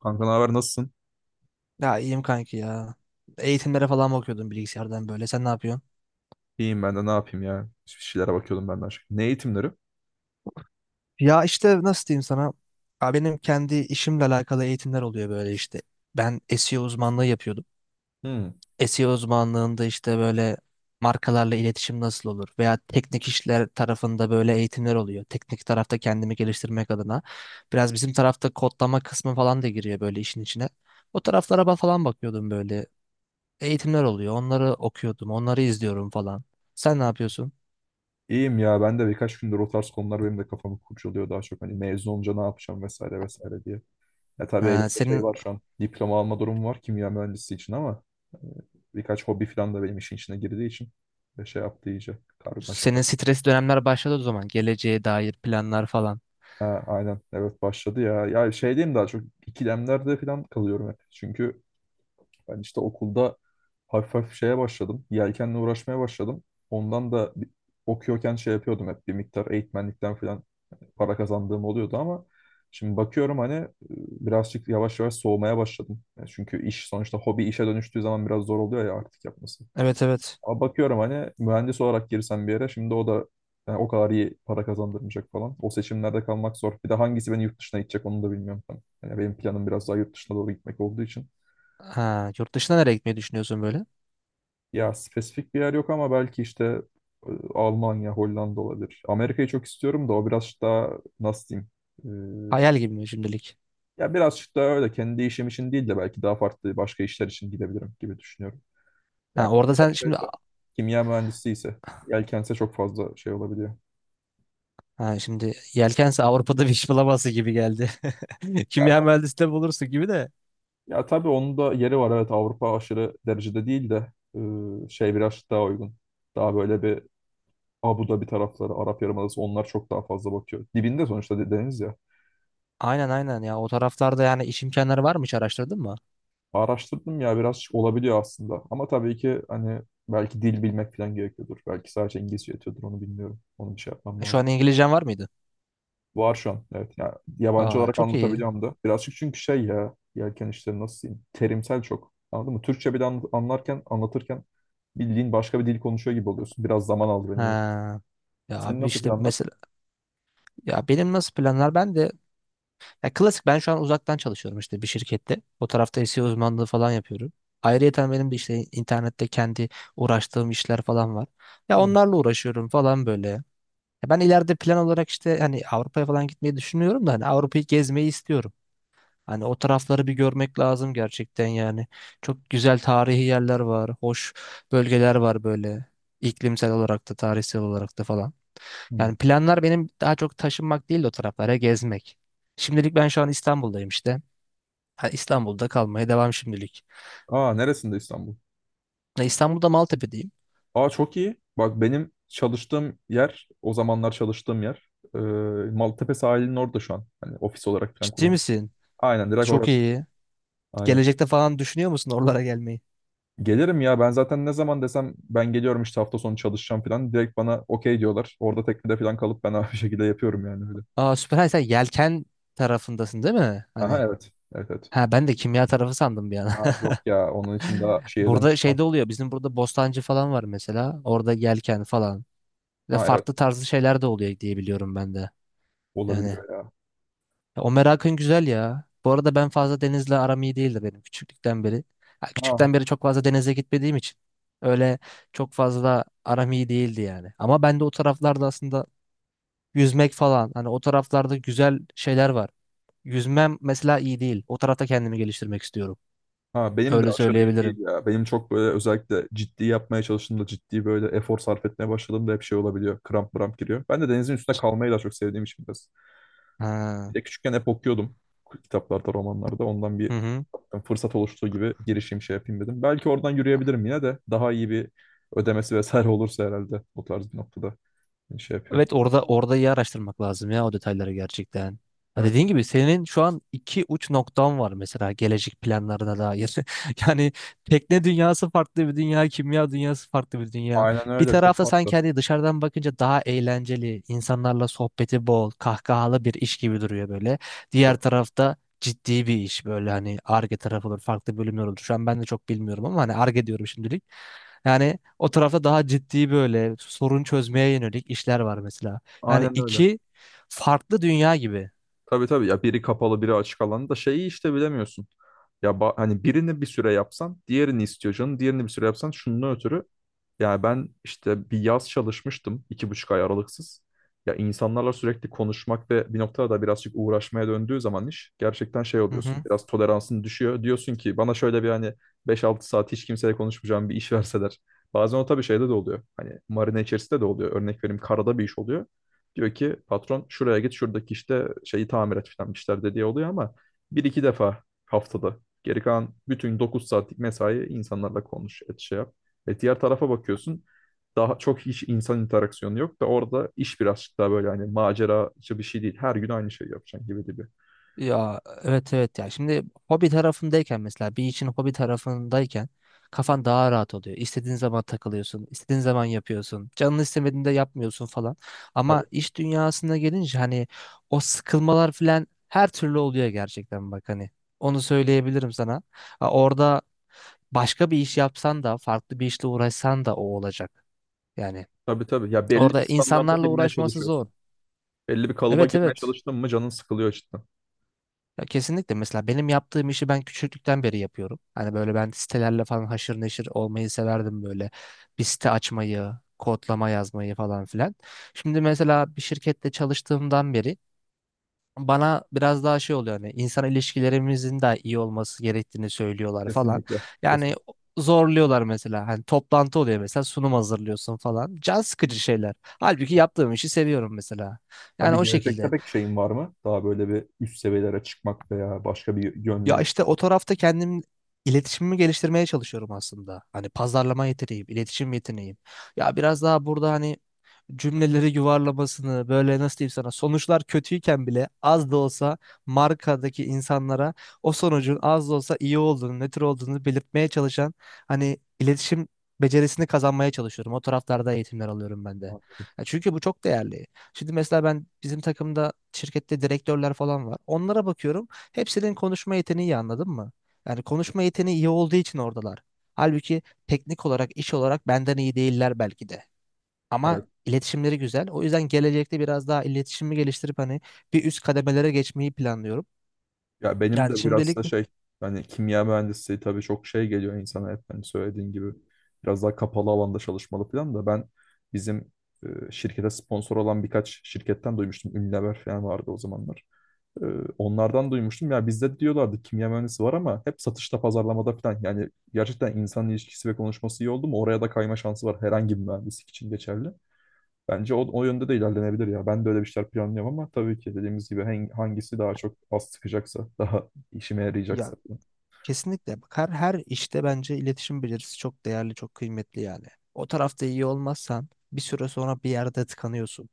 Kanka, ne haber, nasılsın? Ya iyiyim kanki ya. Eğitimlere falan bakıyordum bilgisayardan böyle. Sen ne yapıyorsun? İyiyim, ben de ne yapayım ya. Bir şeylere bakıyordum ben de aşk. Ne eğitimleri? Ya işte nasıl diyeyim sana? Ya benim kendi işimle alakalı eğitimler oluyor böyle işte. Ben SEO uzmanlığı yapıyordum. Hmm. SEO uzmanlığında işte böyle markalarla iletişim nasıl olur veya teknik işler tarafında böyle eğitimler oluyor. Teknik tarafta kendimi geliştirmek adına. Biraz bizim tarafta kodlama kısmı falan da giriyor böyle işin içine. O taraflara falan bakıyordum böyle. Eğitimler oluyor. Onları okuyordum. Onları izliyorum falan. Sen ne yapıyorsun? İyiyim ya, ben de birkaç gündür o tarz konular benim de kafamı kurcalıyor daha çok. Hani mezun olunca ne yapacağım vesaire vesaire diye. Ya tabii Ha, elimde şey senin var şu an. Diploma alma durumu var kimya mühendisi için ama e, birkaç hobi falan da benim işin içine girdiği için ve şey yaptı iyice karmaşık senin var. stresli dönemler başladı o zaman. Geleceğe dair planlar falan. Ha, aynen evet başladı ya. Ya şey diyeyim, daha çok ikilemlerde falan kalıyorum hep. Çünkü ben işte okulda hafif hafif şeye başladım. Yelkenle uğraşmaya başladım. Ondan da bir- okuyorken şey yapıyordum, hep bir miktar eğitmenlikten falan para kazandığım oluyordu ama şimdi bakıyorum hani birazcık yavaş yavaş soğumaya başladım. Yani çünkü iş sonuçta hobi işe dönüştüğü zaman biraz zor oluyor ya artık yapması. Evet evet. Ama bakıyorum hani mühendis olarak girsem bir yere şimdi o da yani o kadar iyi para kazandırmayacak falan. O seçimlerde kalmak zor. Bir de hangisi beni yurt dışına itecek onu da bilmiyorum ben. Yani benim planım biraz daha yurt dışına doğru gitmek olduğu için. Ha, yurt dışına nereye gitmeyi düşünüyorsun böyle? Ya spesifik bir yer yok ama belki işte Almanya, Hollanda olabilir. Amerika'yı çok istiyorum da o biraz daha nasıl diyeyim? Hayal gibi mi şimdilik? Ya biraz daha öyle kendi işim için değil de belki daha farklı başka işler için gidebilirim gibi düşünüyorum. Ya Ha, orada konser sen şimdi şeyse, kimya mühendisi ise yelkense çok fazla şey olabiliyor. ha, şimdi yelkense Avrupa'da bir iş bulamazsın gibi geldi. Ya, Kimya ta- mühendisliği bulursun gibi de. Ya tabii onun da yeri var, evet, Avrupa aşırı derecede değil de şey biraz daha uygun. Daha böyle bir Abu Dhabi tarafları, Arap Yarımadası onlar çok daha fazla bakıyor. Dibinde sonuçta deniz ya. Aynen aynen ya, o taraflarda yani iş imkanları var mı, hiç araştırdın mı? Araştırdım ya, biraz olabiliyor aslında. Ama tabii ki hani belki dil bilmek falan gerekiyordur. Belki sadece İngilizce yetiyordur, onu bilmiyorum. Onu bir şey yapmam E, şu lazım. an İngilizcen var mıydı? Var şu an, evet. Ya yabancı Aa olarak çok iyi. anlatabiliyorum da. Birazcık çünkü şey, ya yelken işleri nasıl diyeyim. Terimsel çok. Anladın mı? Türkçe bir de anlarken anlatırken bildiğin başka bir dil konuşuyor gibi oluyorsun. Biraz zaman aldı benim. Öyle. Ha. Ya Senin abi nasıl işte planlar? mesela ya benim nasıl planlar, ben de ya klasik ben şu an uzaktan çalışıyorum işte bir şirkette. O tarafta SEO uzmanlığı falan yapıyorum. Ayrıyeten benim de işte internette kendi uğraştığım işler falan var. Ya Hı. onlarla uğraşıyorum falan böyle. Ya ben ileride plan olarak işte hani Avrupa'ya falan gitmeyi düşünüyorum da hani Avrupa'yı gezmeyi istiyorum. Hani o tarafları bir görmek lazım gerçekten yani. Çok güzel tarihi yerler var, hoş bölgeler var böyle. İklimsel olarak da tarihsel olarak da falan. Hı. Yani planlar benim daha çok taşınmak değil de o taraflara gezmek. Şimdilik ben şu an İstanbul'dayım işte. Ha, İstanbul'da kalmaya devam şimdilik. Aa, neresinde İstanbul? Ya İstanbul'da Maltepe'deyim. Aa, çok iyi. Bak benim çalıştığım yer, o zamanlar çalıştığım yer e, Maltepe sahilinin orada şu an. Hani ofis olarak falan Ciddi kullanıyorum. misin? Aynen, direkt Çok orası. iyi. Aynen. Gelecekte falan düşünüyor musun oralara gelmeyi? Gelirim ya, ben zaten ne zaman desem ben geliyorum işte hafta sonu çalışacağım falan, direkt bana okey diyorlar. Orada teknede falan kalıp ben bir şekilde yapıyorum yani, öyle. Aa süper. Ha, sen yelken tarafındasın değil mi? Aha, Hani evet. Evet, evet. ha ben de kimya tarafı sandım bir an. Ha, yok ya, onun için daha şehirden Burada çıkmaz. şeyde oluyor. Bizim burada Bostancı falan var mesela. Orada yelken falan. Ve Ha evet, farklı tarzı şeyler de oluyor diye biliyorum ben de. Yani olabiliyor ya. ya o merakın güzel ya. Bu arada ben fazla denizle aram iyi değildi benim küçüklükten beri. Ha, Ha. küçükten beri çok fazla denize gitmediğim için öyle çok fazla aram iyi değildi yani. Ama ben de o taraflarda aslında yüzmek falan hani o taraflarda güzel şeyler var. Yüzmem mesela iyi değil. O tarafta kendimi geliştirmek istiyorum. Ha, benim de Öyle aşırı iyi değil söyleyebilirim. ya. Benim çok böyle özellikle ciddi yapmaya çalıştığımda, ciddi böyle efor sarf etmeye başladığımda hep şey olabiliyor. Kramp mramp giriyor. Ben de denizin üstünde kalmayı daha çok sevdiğim için biraz. Bir Ha. de küçükken hep okuyordum kitaplarda, romanlarda. Ondan Hı bir hı. fırsat oluştuğu gibi girişim şey yapayım dedim. Belki oradan yürüyebilirim yine de, daha iyi bir ödemesi vesaire olursa herhalde o tarz bir noktada şey yapıyor. Evet, orada iyi araştırmak lazım ya o detayları gerçekten. Ha, dediğin Evet. gibi senin şu an iki uç noktan var mesela gelecek planlarına dair. Yani tekne dünyası farklı bir dünya, kimya dünyası farklı bir dünya. Aynen Bir öyle. Çok tarafta farklı. sanki hani dışarıdan bakınca daha eğlenceli, insanlarla sohbeti bol, kahkahalı bir iş gibi duruyor böyle. Diğer tarafta ciddi bir iş böyle hani Ar-Ge tarafı olur, farklı bölümler olur. Şu an ben de çok bilmiyorum ama hani Ar-Ge diyorum şimdilik. Yani o tarafta daha ciddi böyle sorun çözmeye yönelik işler var mesela. Yani Aynen öyle. iki farklı dünya gibi. Tabii tabii ya, biri kapalı biri açık alanda da şeyi işte bilemiyorsun. Hani birini bir süre yapsan diğerini istiyor canım. Diğerini bir süre yapsan şunun ötürü. Yani ben işte bir yaz çalışmıştım 2,5 ay aralıksız. Ya insanlarla sürekli konuşmak ve bir noktada da birazcık uğraşmaya döndüğü zaman iş, gerçekten şey Hı hı. oluyorsun. Biraz toleransın düşüyor. Diyorsun ki bana şöyle bir hani 5 6 saat hiç kimseyle konuşmayacağım bir iş verseler. Bazen o tabii şeyde de oluyor. Hani marine içerisinde de oluyor. Örnek vereyim, karada bir iş oluyor. Diyor ki patron şuraya git, şuradaki işte şeyi tamir et falan, işler dediği oluyor ama bir iki defa haftada. Geri kalan bütün 9 saatlik mesai insanlarla konuş et şey yap. E diğer tarafa bakıyorsun, daha çok hiç insan interaksiyonu yok da orada iş birazcık daha böyle hani maceracı bir şey değil. Her gün aynı şeyi yapacaksın gibi gibi. Ya evet evet ya. Şimdi hobi tarafındayken mesela bir işin hobi tarafındayken kafan daha rahat oluyor. İstediğin zaman takılıyorsun, istediğin zaman yapıyorsun. Canın istemediğinde yapmıyorsun falan. Ama Tabii. iş dünyasına gelince hani o sıkılmalar falan her türlü oluyor gerçekten bak hani. Onu söyleyebilirim sana. Ha, orada başka bir iş yapsan da farklı bir işle uğraşsan da o olacak. Yani Tabii, tabii. Ya belli bir orada standarda insanlarla girmeye uğraşması zor. çalışıyorsun. Belli bir kalıba Evet girmeye evet. çalıştın mı canın sıkılıyor cidden. Ya kesinlikle mesela benim yaptığım işi ben küçüklükten beri yapıyorum. Hani böyle ben sitelerle falan haşır neşir olmayı severdim böyle. Bir site açmayı, kodlama yazmayı falan filan. Şimdi mesela bir şirkette çalıştığımdan beri bana biraz daha şey oluyor hani insan ilişkilerimizin de iyi olması gerektiğini söylüyorlar falan. Kesinlikle. Yani Kesinlikle. zorluyorlar mesela hani toplantı oluyor mesela sunum hazırlıyorsun falan. Can sıkıcı şeyler. Halbuki yaptığım işi seviyorum mesela. Yani Abi, o gelecekte şekilde. pek şeyin var mı? Daha böyle bir üst seviyelere çıkmak veya başka bir Ya yönle. işte o tarafta kendim iletişimimi geliştirmeye çalışıyorum aslında. Hani pazarlama yeteneğim, iletişim yeteneğim. Ya biraz daha burada hani cümleleri yuvarlamasını böyle nasıl diyeyim sana, sonuçlar kötüyken bile az da olsa markadaki insanlara o sonucun az da olsa iyi olduğunu, nötr olduğunu belirtmeye çalışan hani iletişim becerisini kazanmaya çalışıyorum. O taraflarda eğitimler alıyorum ben de. Evet. Ya çünkü bu çok değerli. Şimdi mesela ben bizim takımda şirkette direktörler falan var. Onlara bakıyorum. Hepsinin konuşma yeteneği iyi, anladın mı? Yani konuşma yeteneği iyi olduğu için oradalar. Halbuki teknik olarak, iş olarak benden iyi değiller belki de. Ama Evet. iletişimleri güzel. O yüzden gelecekte biraz daha iletişimi geliştirip hani bir üst kademelere geçmeyi planlıyorum. Ya benim Yani de biraz da şimdilik şey, hani kimya mühendisliği tabii çok şey geliyor insana, hep hani söylediğin gibi biraz daha kapalı alanda çalışmalı falan da ben bizim şirkete sponsor olan birkaç şirketten duymuştum. Unilever falan vardı o zamanlar. E, onlardan duymuştum. Ya bizde diyorlardı kimya mühendisi var ama hep satışta, pazarlamada falan. Yani gerçekten insan ilişkisi ve konuşması iyi oldu mu oraya da kayma şansı var, herhangi bir mühendislik için geçerli. Bence o yönde de ilerlenebilir ya. Ben de öyle bir şeyler planlıyorum ama tabii ki dediğimiz gibi hangisi daha çok az sıkacaksa, daha işime ya yarayacaksa. kesinlikle. Bak, her işte bence iletişim becerisi çok değerli, çok kıymetli yani. O tarafta iyi olmazsan bir süre sonra bir yerde tıkanıyorsun.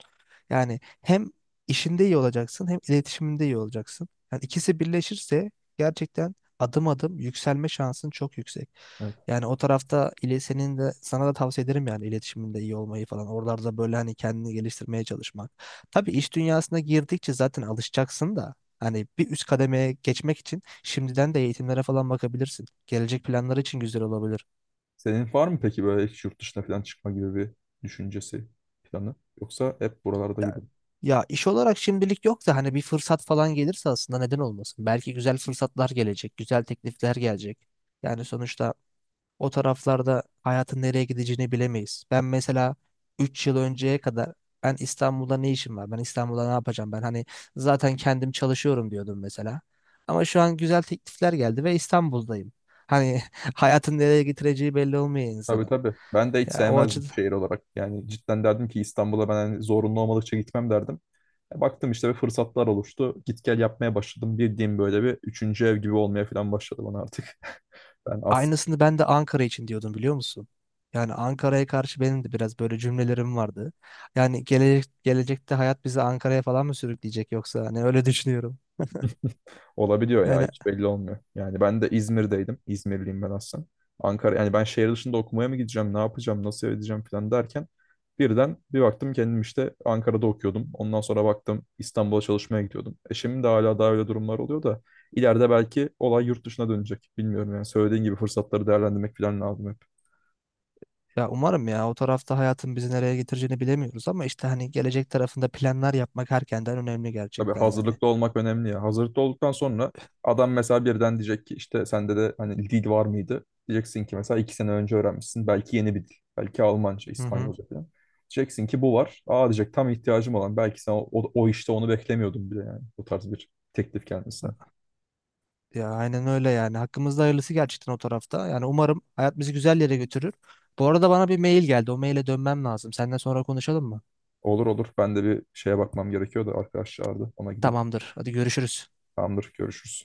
Yani hem işinde iyi olacaksın hem iletişiminde iyi olacaksın. Yani ikisi birleşirse gerçekten adım adım yükselme şansın çok yüksek. Evet. Yani o tarafta ile senin de, sana da tavsiye ederim yani iletişiminde iyi olmayı falan. Oralarda böyle hani kendini geliştirmeye çalışmak. Tabii iş dünyasına girdikçe zaten alışacaksın da hani bir üst kademeye geçmek için şimdiden de eğitimlere falan bakabilirsin. Gelecek planları için güzel olabilir. Senin var mı peki böyle hiç yurt dışına falan çıkma gibi bir düşüncesi, planı? Yoksa hep buralarda gibi? Ya, ya iş olarak şimdilik yok da hani bir fırsat falan gelirse aslında neden olmasın? Belki güzel fırsatlar gelecek, güzel teklifler gelecek. Yani sonuçta o taraflarda hayatın nereye gideceğini bilemeyiz. Ben mesela 3 yıl önceye kadar ben İstanbul'da ne işim var? Ben İstanbul'da ne yapacağım? Ben hani zaten kendim çalışıyorum diyordum mesela. Ama şu an güzel teklifler geldi ve İstanbul'dayım. Hani hayatın nereye getireceği belli olmuyor Tabii, insana. tabii. Ben de hiç Ya o sevmezdim açıdan şehir olarak. Yani cidden derdim ki İstanbul'a ben hani zorunlu olmadıkça gitmem derdim. E, baktım işte bir fırsatlar oluştu. Git gel yapmaya başladım. Bildiğim böyle bir üçüncü ev gibi olmaya falan başladı bana artık. Ben. aynısını ben de Ankara için diyordum, biliyor musun? Yani Ankara'ya karşı benim de biraz böyle cümlelerim vardı. Yani gelecek, gelecekte hayat bizi Ankara'ya falan mı sürükleyecek yoksa hani öyle düşünüyorum. Olabiliyor ya, Yani hiç belli olmuyor. Yani ben de İzmir'deydim. İzmirliyim ben aslında. Ankara, yani ben şehir dışında okumaya mı gideceğim, ne yapacağım, nasıl edeceğim falan derken birden bir baktım kendim işte Ankara'da okuyordum. Ondan sonra baktım İstanbul'a çalışmaya gidiyordum. E şimdi de hala daha öyle durumlar oluyor da ileride belki olay yurt dışına dönecek. Bilmiyorum yani, söylediğin gibi fırsatları değerlendirmek falan lazım hep. ya umarım ya, o tarafta hayatın bizi nereye getireceğini bilemiyoruz ama işte hani gelecek tarafında planlar yapmak erkenden önemli Tabii, gerçekten yani. hazırlıklı olmak önemli ya. Hazırlıklı olduktan sonra adam mesela birden diyecek ki işte sende de hani dil var mıydı? Diyeceksin ki mesela 2 sene önce öğrenmişsin. Belki yeni bir dil. Belki Almanca, Hı hı. İspanyolca falan. Diyeceksin ki bu var. Aa, diyecek, tam ihtiyacım olan. Belki sen o işte onu beklemiyordum bile yani. Bu tarz bir teklif gelmesine. Ya aynen öyle yani. Hakkımızda hayırlısı gerçekten o tarafta. Yani umarım hayat bizi güzel yere götürür. Bu arada bana bir mail geldi. O maile dönmem lazım. Seninle sonra konuşalım mı? Olur, olur. Ben de bir şeye bakmam gerekiyor da arkadaşlar da ona gideyim. Tamamdır. Hadi görüşürüz. Tamamdır. Görüşürüz.